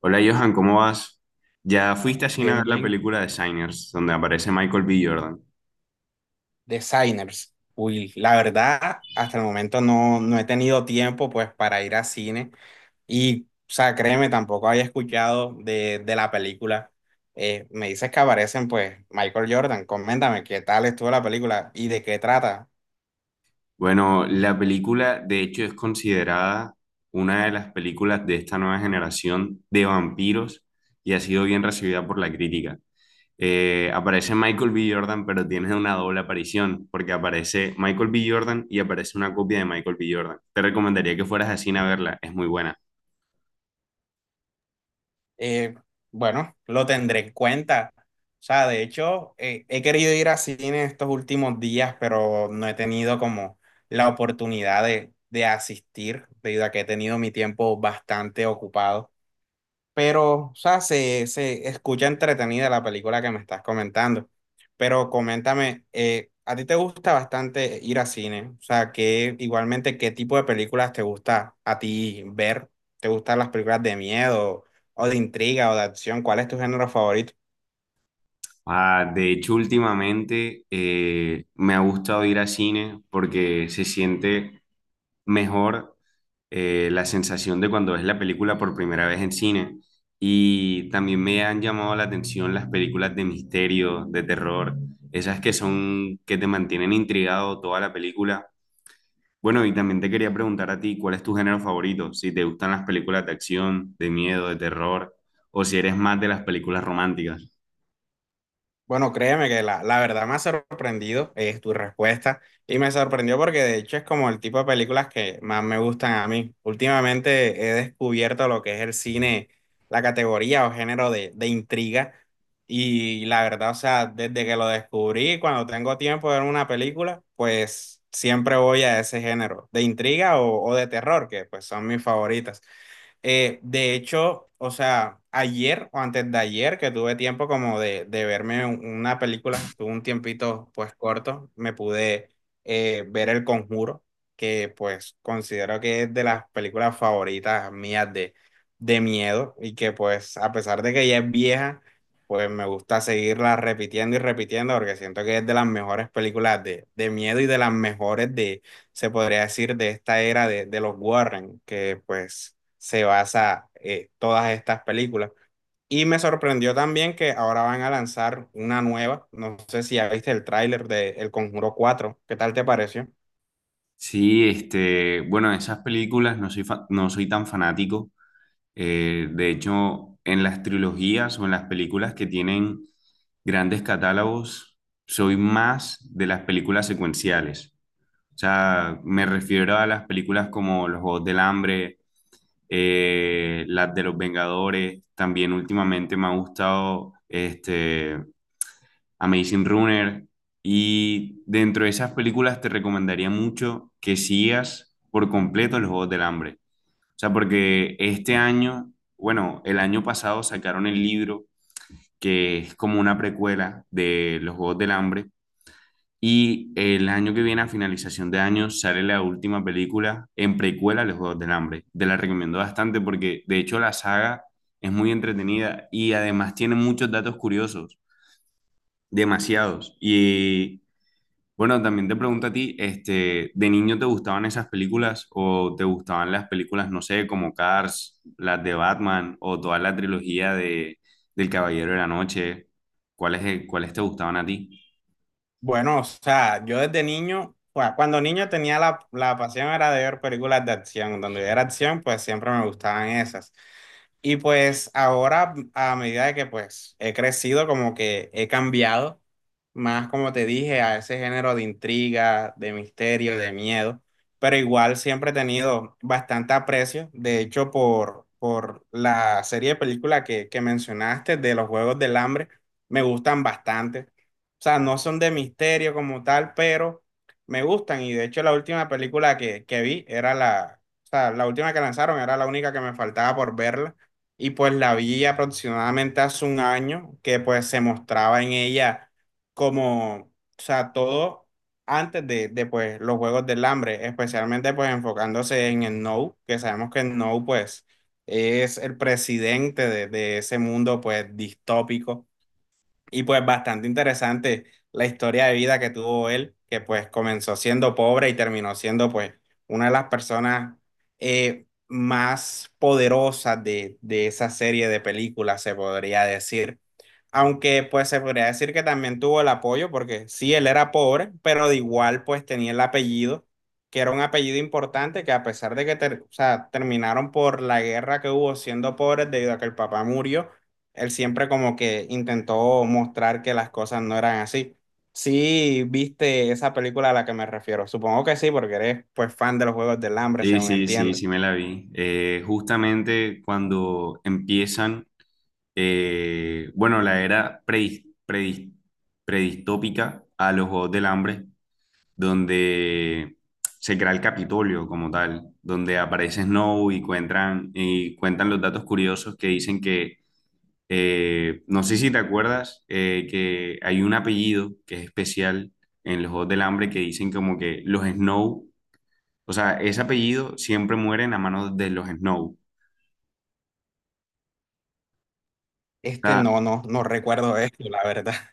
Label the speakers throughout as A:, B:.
A: Hola Johan, ¿cómo vas? Ya fuiste a cine a
B: Bien,
A: ver la
B: bien.
A: película de Signers, donde aparece Michael B. Jordan.
B: Designers. Uy, la verdad, hasta el momento no he tenido tiempo pues para ir a cine y, o sea, créeme, tampoco había escuchado de la película. Me dices que aparecen pues Michael Jordan. Coméntame qué tal estuvo la película y de qué trata.
A: Bueno, la película de hecho es considerada una de las películas de esta nueva generación de vampiros y ha sido bien recibida por la crítica. Aparece Michael B. Jordan, pero tiene una doble aparición, porque aparece Michael B. Jordan y aparece una copia de Michael B. Jordan. Te recomendaría que fueras a cine a verla, es muy buena.
B: Eh, bueno, lo tendré en cuenta. O sea, de hecho, he querido ir a cine estos últimos días, pero no he tenido como la oportunidad de asistir, debido a que he tenido mi tiempo bastante ocupado, pero, o sea, se escucha entretenida la película que me estás comentando. Pero coméntame, ¿a ti te gusta bastante ir a cine? O sea, que igualmente, ¿qué tipo de películas te gusta a ti ver? ¿Te gustan las películas de miedo o de intriga o de acción? ¿Cuál es tu género favorito?
A: Ah, de hecho, últimamente me ha gustado ir a cine porque se siente mejor, la sensación de cuando ves la película por primera vez en cine. Y también me han llamado la atención las películas de misterio, de terror, esas que son, que te mantienen intrigado toda la película. Bueno, y también te quería preguntar a ti, ¿cuál es tu género favorito? Si te gustan las películas de acción, de miedo, de terror, o si eres más de las películas románticas.
B: Bueno, créeme que la verdad me ha sorprendido es tu respuesta, y me sorprendió porque de hecho es como el tipo de películas que más me gustan a mí. Últimamente he descubierto lo que es el cine, la categoría o género de intriga, y la verdad, o sea, desde que lo descubrí, cuando tengo tiempo de ver una película, pues siempre voy a ese género de intriga o de terror, que pues son mis favoritas. De hecho, o sea, ayer o antes de ayer que tuve tiempo como de verme una película, tuve un tiempito pues corto, me pude ver El Conjuro, que pues considero que es de las películas favoritas mías de miedo, y que pues a pesar de que ya es vieja, pues me gusta seguirla repitiendo y repitiendo porque siento que es de las mejores películas de miedo y de las mejores de, se podría decir, de esta era de los Warren, que pues se basa todas estas películas. Y me sorprendió también que ahora van a lanzar una nueva, no sé si ya viste el tráiler de El Conjuro cuatro. ¿Qué tal te pareció?
A: Sí, este, bueno, esas películas no soy tan fanático. De hecho, en las trilogías o en las películas que tienen grandes catálogos, soy más de las películas secuenciales. O sea, me refiero a las películas como Los Juegos del Hambre, las de los Vengadores. También últimamente me ha gustado este Amazing Runner. Y dentro de esas películas te recomendaría mucho que sigas por completo los Juegos del Hambre. O sea, porque este año, bueno, el año pasado sacaron el libro que es como una precuela de los Juegos del Hambre. Y el año que viene, a finalización de año, sale la última película en precuela de los Juegos del Hambre. Te la recomiendo bastante porque, de hecho, la saga es muy entretenida y además tiene muchos datos curiosos, demasiados. Y bueno, también te pregunto a ti, este, ¿de niño te gustaban esas películas o te gustaban las películas, no sé, como Cars, las de Batman o toda la trilogía de del Caballero de la Noche? ¿Cuáles, cuáles te gustaban a ti?
B: Bueno, o sea, yo desde niño, pues, cuando niño tenía la pasión era de ver películas de acción. Donde yo era acción, pues siempre me gustaban esas. Y pues ahora, a medida de que pues he crecido, como que he cambiado más, como te dije, a ese género de intriga, de misterio, de miedo. Pero igual siempre he tenido bastante aprecio, de hecho, por la serie de películas que mencionaste de los Juegos del Hambre, me gustan bastante. O sea, no son de misterio como tal, pero me gustan. Y de hecho, la última película que vi era la, o sea, la última que lanzaron era la única que me faltaba por verla. Y pues la vi aproximadamente hace un año, que pues se mostraba en ella como, o sea, todo antes de pues los Juegos del Hambre, especialmente pues enfocándose en el No, que sabemos que el No pues es el presidente de ese mundo pues distópico, y pues bastante interesante la historia de vida que tuvo él, que pues comenzó siendo pobre y terminó siendo pues una de las personas más poderosas de esa serie de películas, se podría decir. Aunque pues se podría decir que también tuvo el apoyo, porque sí, él era pobre, pero de igual pues tenía el apellido, que era un apellido importante, que a pesar de que o sea, terminaron por la guerra que hubo siendo pobres debido a que el papá murió, él siempre como que intentó mostrar que las cosas no eran así. Sí, viste esa película a la que me refiero. Supongo que sí, porque eres pues fan de los Juegos del Hambre,
A: Sí,
B: según
A: sí, sí,
B: entiendo.
A: sí me la vi. Justamente cuando empiezan, bueno, la era predistópica a los Juegos del Hambre, donde se crea el Capitolio como tal, donde aparece Snow y cuentan los datos curiosos que dicen que, no sé si te acuerdas, que hay un apellido que es especial en los Juegos del Hambre, que dicen como que los Snow, o sea, ese apellido siempre mueren a manos de los Snow. O
B: Este
A: sea,
B: no recuerdo esto, la verdad.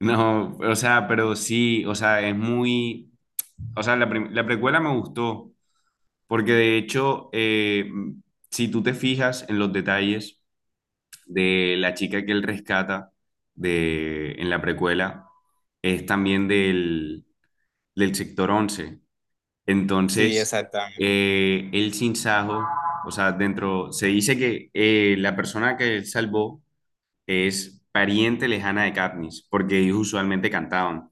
A: no, o sea, pero sí, o sea, es muy, o sea, la precuela me gustó. Porque de hecho, si tú te fijas en los detalles de la chica que él rescata de, en la precuela, es también del, del sector once.
B: Sí,
A: Entonces,
B: exactamente.
A: el sinsajo, o sea, dentro, se dice que la persona que él salvó es pariente lejana de Katniss, porque ellos usualmente cantaban.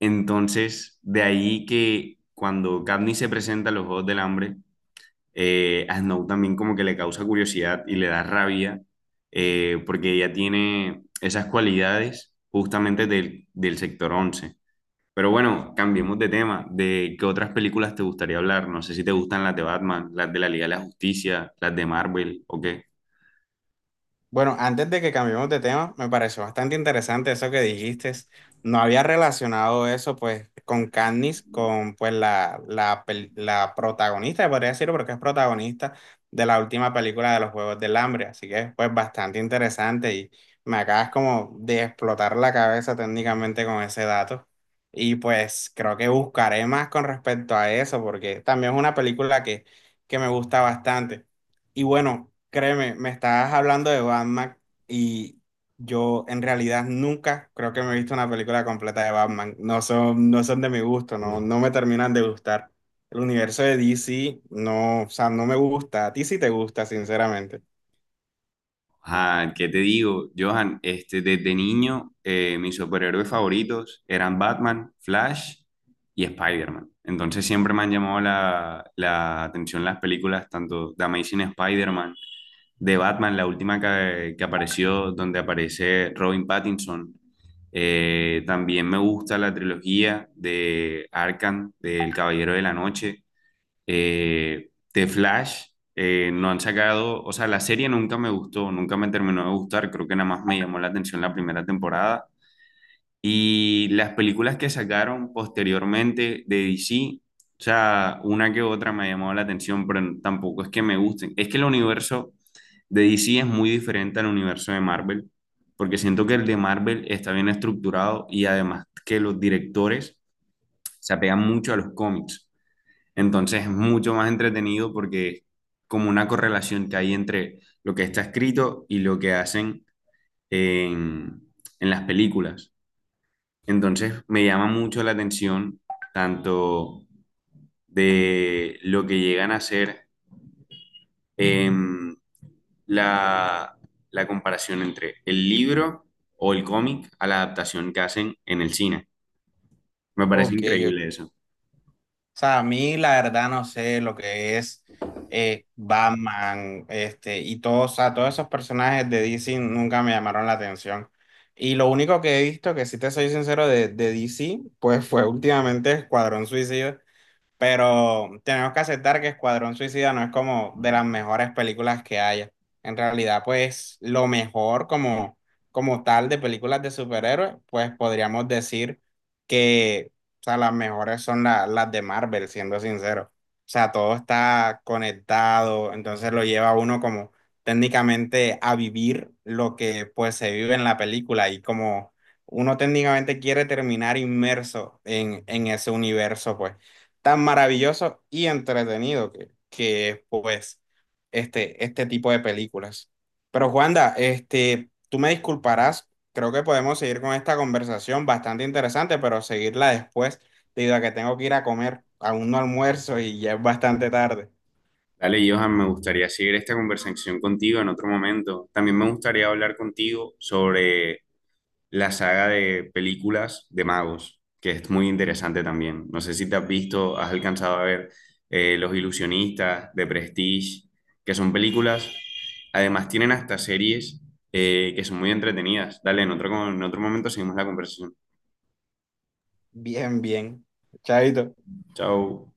A: Entonces, de ahí que cuando Katniss se presenta a los Juegos del Hambre, a Snow también como que le causa curiosidad y le da rabia, porque ella tiene esas cualidades justamente del, del sector 11. Pero bueno, cambiemos de tema. ¿De qué otras películas te gustaría hablar? No sé si te gustan las de Batman, las de la Liga de la Justicia, las de Marvel o qué.
B: Bueno, antes de que cambiemos de tema, me pareció bastante interesante eso que dijiste. No había relacionado eso pues con Katniss, con pues la la protagonista, podría decirlo porque es protagonista de la última película de los Juegos del Hambre, así que pues bastante interesante, y me acabas como de explotar la cabeza técnicamente con ese dato. Y pues creo que buscaré más con respecto a eso porque también es una película que me gusta bastante. Y bueno, créeme, me estabas hablando de Batman, y yo en realidad nunca creo que me he visto una película completa de Batman. No son de mi gusto, no me terminan de gustar. El universo de DC no, o sea, no me gusta. A ti sí te gusta, sinceramente.
A: Johan, ¿qué te digo? Johan, este, desde niño, mis superhéroes favoritos eran Batman, Flash y Spider-Man. Entonces siempre me han llamado la atención las películas, tanto de Amazing Spider-Man, de Batman, la última que apareció, donde aparece Robin Pattinson. También me gusta la trilogía de Arkham, del Caballero de la Noche, The Flash, no han sacado, o sea, la serie nunca me gustó, nunca me terminó de gustar, creo que nada más me llamó la atención la primera temporada. Y las películas que sacaron posteriormente de DC, o sea, una que otra me ha llamado la atención, pero tampoco es que me gusten. Es que el universo de DC es muy diferente al universo de Marvel, porque siento que el de Marvel está bien estructurado y además que los directores se apegan mucho a los cómics. Entonces es mucho más entretenido porque es como una correlación que hay entre lo que está escrito y lo que hacen en, en las películas. Entonces me llama mucho la atención tanto de lo que llegan a hacer, em, la, la comparación entre el libro o el cómic a la adaptación que hacen en el cine. Me parece
B: Ok.
A: increíble eso.
B: O sea, a mí la verdad no sé lo que es Batman, este, y todos, o sea, todos esos personajes de DC nunca me llamaron la atención. Y lo único que he visto, que si te soy sincero, de DC, pues fue últimamente Escuadrón Suicida. Pero tenemos que aceptar que Escuadrón Suicida no es como de las mejores películas que haya. En realidad, pues lo mejor como, como tal de películas de superhéroes, pues podríamos decir que, o sea, las mejores son las de Marvel, siendo sincero. O sea, todo está conectado, entonces lo lleva a uno como técnicamente a vivir lo que pues se vive en la película, y como uno técnicamente quiere terminar inmerso en ese universo, pues tan maravilloso y entretenido que es, pues, este tipo de películas. Pero Juanda, este, tú me disculparás, creo que podemos seguir con esta conversación bastante interesante, pero seguirla después, debido a que tengo que ir a comer, aún no almuerzo y ya es bastante tarde.
A: Dale, Johan, me gustaría seguir esta conversación contigo en otro momento. También me gustaría hablar contigo sobre la saga de películas de magos, que es muy interesante también. No sé si te has visto, has alcanzado a ver, Los Ilusionistas, de Prestige, que son películas, además tienen hasta series, que son muy entretenidas. Dale, en otro momento seguimos la conversación.
B: Bien, bien. Chaito.
A: Chao.